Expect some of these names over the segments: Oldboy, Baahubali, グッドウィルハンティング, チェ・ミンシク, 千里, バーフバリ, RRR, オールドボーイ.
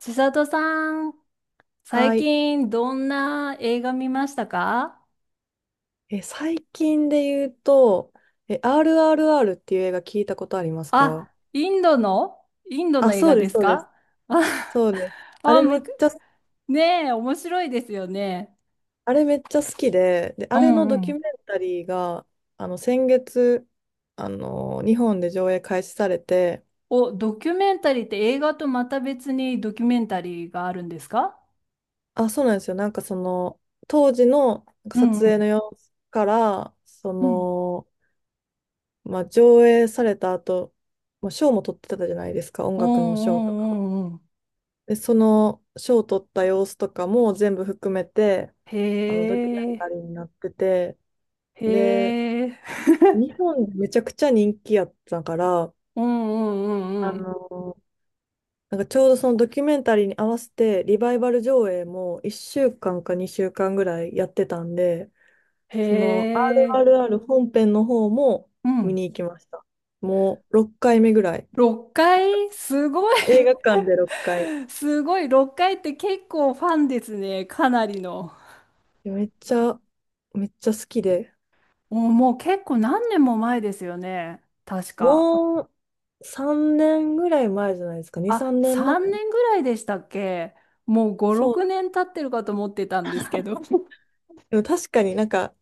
千里さん、は最い。近どんな映画見ましたか？最近で言うと、RRR っていう映画聞いたことありますか？あ、インドのあ、映そ画うでです、すそうです。か？あ、そうです。ああ、れめむっく、ちゃ、ねえ、面白いですよね。あれめっちゃ好きで、で、うあれのドんうキュメん。ンタリーが、先月、日本で上映開始されて、お、ドキュメンタリーって映画とまた別にドキュメンタリーがあるんですか？あ、そうなんですよ。なんかその、当時のなんかうんう撮影ん。の様子から、そうん。の、まあ、上映された後、まあ、賞も取ってたじゃないですか、音うん楽のう賞とか。んうんうん。で、その賞を取った様子とかも全部含めて、へドキュメンタえ、リーになってて、へで、え、日本でめちゃくちゃ人気やったから、うんうんうあんうん。の、なんかちょうどそのドキュメンタリーに合わせて、リバイバル上映も1週間か2週間ぐらいやってたんで、へその え、RRR 本編の方もう見ん。に行きました。もう6回目ぐらい。6回すごい 映画館で6回。すごい、6回って結構ファンですね。かなりの。めっちゃ、めっちゃ好きで。もう結構何年も前ですよね。確か。もう3年ぐらい前じゃないですか。2、あ、3年3前。年ぐらいでしたっけ？もう5、そ6う。年経ってるかと思ってたんですけど。でも確かになんか、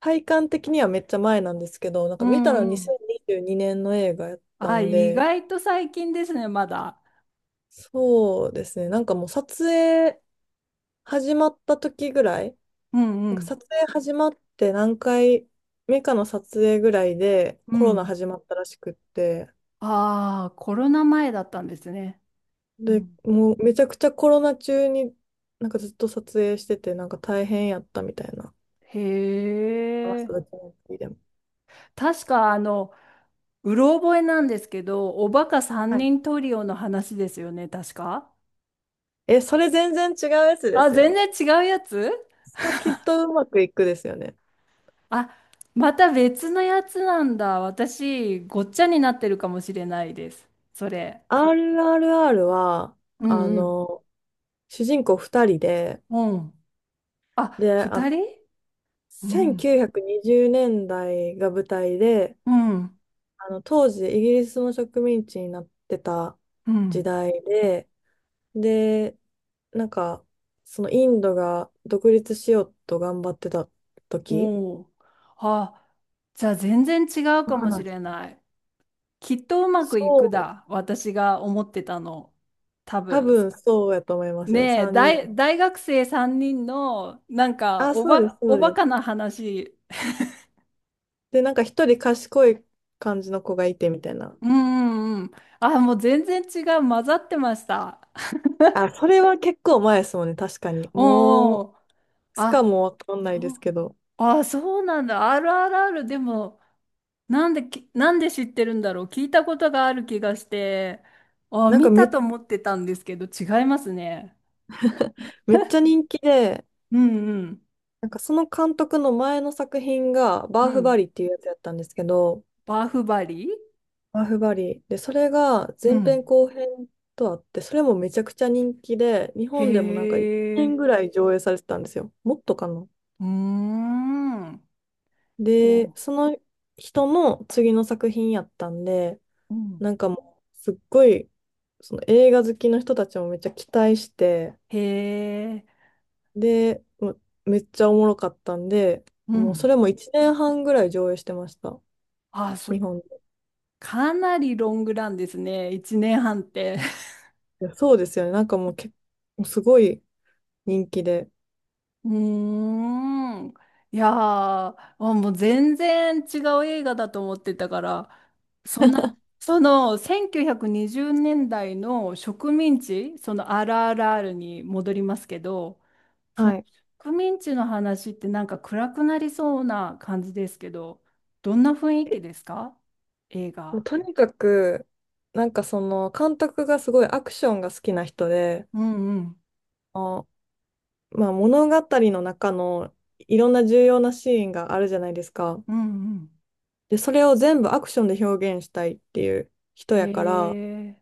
体感的にはめっちゃ前なんですけど、なんかう見たらんうん。2022年の映画やったあ、ん意で、外と最近ですね、まだ。そうですね。なんかもう撮影始まった時ぐらい、うんうなんかん。撮影始まって何回目かの撮影ぐらいでうコロナん。始まったらしくって、ああ、コロナ前だったんですね。うで、ん、もうめちゃくちゃコロナ中になんかずっと撮影してて、なんか大変やったみたいな。へマスえ。クドキュメンタリーでも。確かうろ覚えなんですけど、おバカ三はい。人トリオの話ですよね、確か。それ全然違うやつであ、す全よ。然違うやつ。それきっとうまくいくですよね。あ、また別のやつなんだ。私、ごっちゃになってるかもしれないです。それ。RRR は、うあんうん。の、主人公2人で、うん。あ、で、二人。うん。1920年代が舞台で、うん。当時イギリスの植民地になってたう時ん。代で、で、なんか、そのインドが独立しようと頑張ってた時おお。あ、じゃあ全然違うのかもし話。れない。きっとうまそくいくう。だ。私が思ってたの。多多分。分そうやと思いますよ。ねえ、3人。大学生3人の、あ、おそうです、ば、そおうバでカす。な話。で、なんか一人賢い感じの子がいてみたいな。うんうんうん。あ、もう全然違う。混ざってました。あ、それは結構前ですもんね、確かに。もおう、いお。つかあ、もわかんないでそすう。けど。あ、そうなんだ。RRR でも、なんで知ってるんだろう。聞いたことがある気がして。あ、なんか見ため、と思ってたんですけど、違いますね。めっちゃ人気で、うんうん。なんかその監督の前の作品が、バうーフん。バリっていうやつやったんですけど、バーフバリ。バーフバリ。で、それがう前ん。編後編とあって、それもめちゃくちゃ人気で、日へ本でもなんか1年え。ぐらい上映されてたんですよ。もっとかな。うーん。で、おその人の次の作品やったんで、うん。なんかもう、すっごい、その映画好きの人たちもめっちゃ期待して、へえ。で、もうめっちゃおもろかったんで、うもうそん。れも1年半ぐらい上映してました。あ、そ日う。本で。かなりロングランですね。1年半って。いやそうですよね。なんかもう結構すごい人気で。うーん。いやー、あもう全然違う映画だと思ってたから、そんな、その1920年代の植民地、その RRR に戻りますけど、はい。植民地の話ってなんか暗くなりそうな感じですけど、どんな雰囲え気ですか？映もう画。とにかく、なんかその監督がすごいアクションが好きな人で、うんうん。あまあ、物語の中のいろんな重要なシーンがあるじゃないですか。うんうん。で、それを全部アクションで表現したいっていう人へやから、なんえ。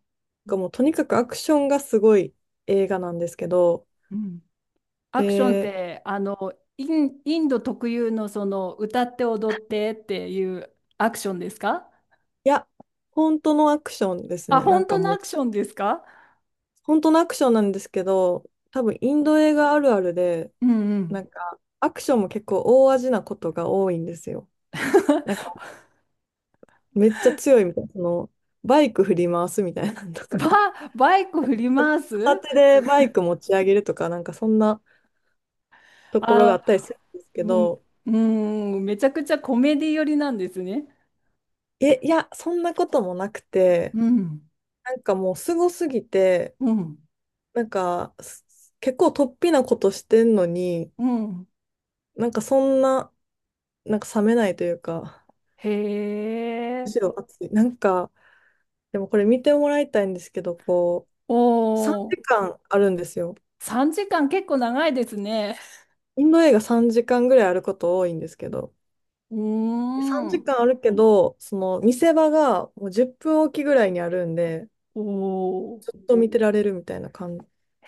かもうとにかくアクションがすごい映画なんですけど、うん、アクションっで、て、インド特有のその歌って踊ってっていうアクションですか？いや、本当のアクションですあ、ね。な本んか当のもアう、クションですか？本当のアクションなんですけど、多分インド映画あるあるで、うんうなん。 んかアクションも結構大味なことが多いんですよ。なんか めっちゃ強いみたいな、そのバイク振り回すみたいなのとバ、か。バイク振り回片す。手でバイク持ち上げるとか、なんかそんなところがああ、ったりするんですけうん、ど、うん、めちゃくちゃコメディ寄りなんですね。いや、そんなこともなくて、うんなんかもうすごすぎて、うんなんか結構突飛なことしてんのに、うん。なんかそんな、なんか冷めないというか、へむしえ、ろ熱い。なんか、でもこれ見てもらいたいんですけど、こおう、3お、時間あるんですよ。3時間結構長いですね。インド映画3時間ぐらいあること多いんですけど、うー3ん、時間あるけど、その見せ場がもう10分おきぐらいにあるんで、おずっと見てられるみたいな感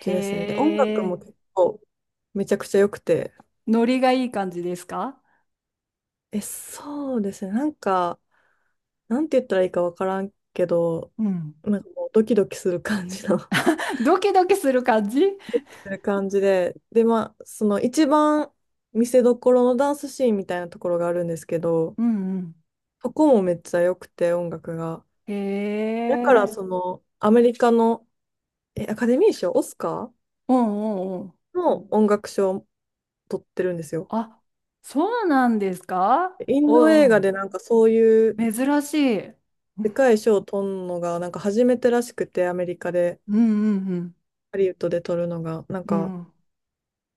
じですね。で、音楽もえ。結構めちゃくちゃ良くて。ノリがいい感じですか？そうですね。なんか、なんて言ったらいいかわからんけど、うん。なんかもうドキドキする感じの ドキドキドキする感じ？ドキ する感じで。で、まあ、その一番見せどころのダンスシーンみたいなところがあるんですけど、うんうん。そこもめっちゃ良くて、音楽が。へだから、え。その、アメリカの、アカデミー賞、オスカーうんうんうん。の音楽賞を取ってるんですよ。あ、そうなんですか？インドお映画おでなんかそういうー珍しい。でかい賞を取るのが、なんか初めてらしくて、アメリカで、うんうんハリウッドで取るのが、なんうん。か、うん、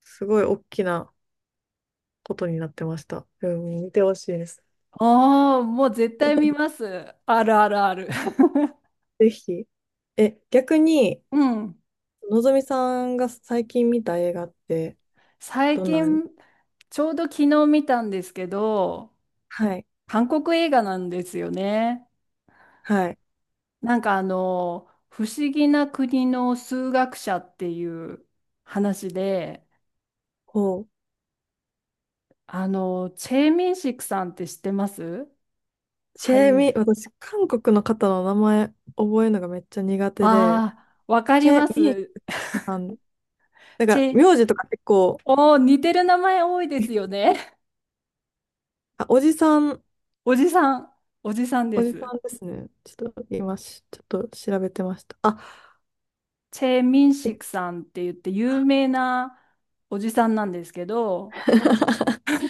すごい大きなことになってました。うん、見てほしいです。ああ、もう絶対見ます。あるあるある。ぜひ。逆に、うん、のぞみさんが最近見た映画って、最どんな。近、ちょうど昨日見たんですけど、はい、韓国映画なんですよね。はい。不思議な国の数学者っていう話で、こチェ・ミンシクさんって知ってます？う、チ俳ェ優。ミ、私、韓国の方の名前覚えるのがめっちゃ苦手で、ああ、わかチりェまミす。さん、なんチか、ェ、名字とか結構、おー、似てる名前多いですよね。あ、おじさん。 おじさん、おじさんでおじさす。んですね。ちょっと調べてました。あ、チェ・ミンシクさんって言って有名なおじさんなんですけど、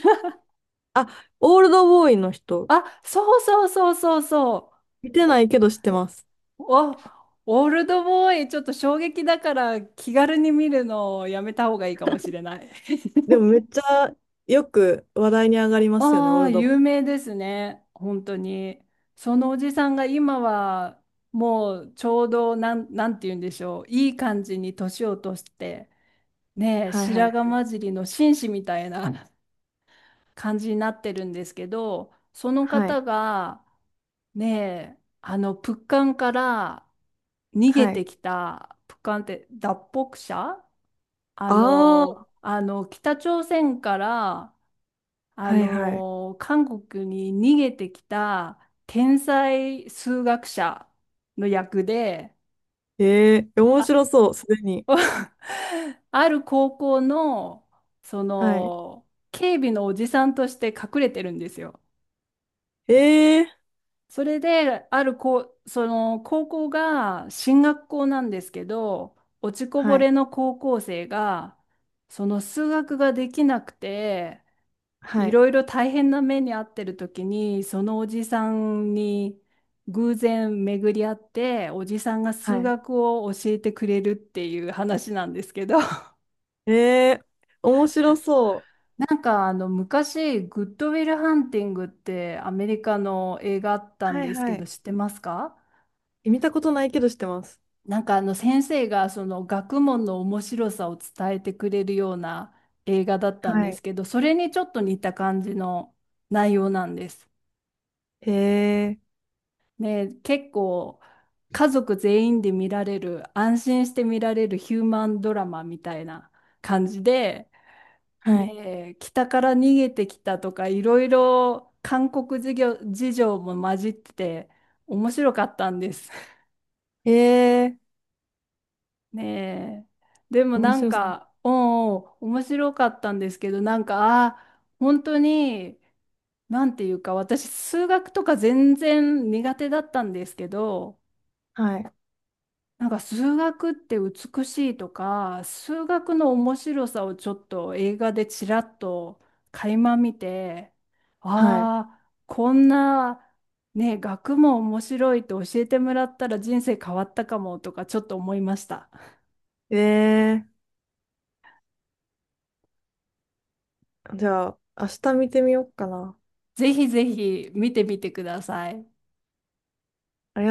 あ、オールドボーイの人。あ、そうそうそうそうそ見てう。ないけど知ってます。お、オールドボーイ、ちょっと衝撃だから気軽に見るのをやめた方がいいかもしれない。でもめっちゃよく話題に上がり ますよね、オあーあ、ルドボーイ。有名ですね。本当に。そのおじさんが今はもうちょうどなんて言うんでしょう。いい感じに年を落として、ねえ、はいは白髪い。混じりの紳士みたいな 感じになってるんですけど、そのは方い。が、ねえ、プッカンから逃げはてい。きた、プッカンって脱北者？ああ、北朝鮮から、はいはい。韓国に逃げてきた天才数学者の役で、ええ、面あ、白そう、すでに。ある高校の、そはい。の、警備のおじさんとして隠れてるんですよ。ええ、それで、あるこう、高校が進学校なんですけど、落ちこぼはい。れの高校生が、その数学ができなくて、はいい。ろいろ大変な目に遭ってる時に、そのおじさんに偶然巡り合って、おじさんがは数い。学を教えてくれるっていう話なんですけど、ええ、面白そう。昔、グッドウィルハンティングってアメリカの映画あったんはいですはけど、い。知ってますか？見たことないけど知ってます。先生がその学問の面白さを伝えてくれるような映画だったんはですい。けど、それにちょっと似た感じの内容なんです。へえ。ね、結構家族全員で見られる、安心して見られるヒューマンドラマみたいな感じで、はい。ね、北から逃げてきたとか、いろいろ韓国事情も混じってて、面白かったんです。へえ。ねえ、でも面なん白そう。か、うんうん、面白かったんですけど、なんか、あー本当に、なんていうか、私、数学とか全然苦手だったんですけど、はい。なんか数学って美しいとか、数学の面白さをちょっと映画でちらっと垣間見て、はい。ああ、こんなね、学問面白いって教えてもらったら人生変わったかもとかちょっと思いました。えーじゃあ、明日見てみようかな。ぜひぜひ見てみてください。ありがとうございます。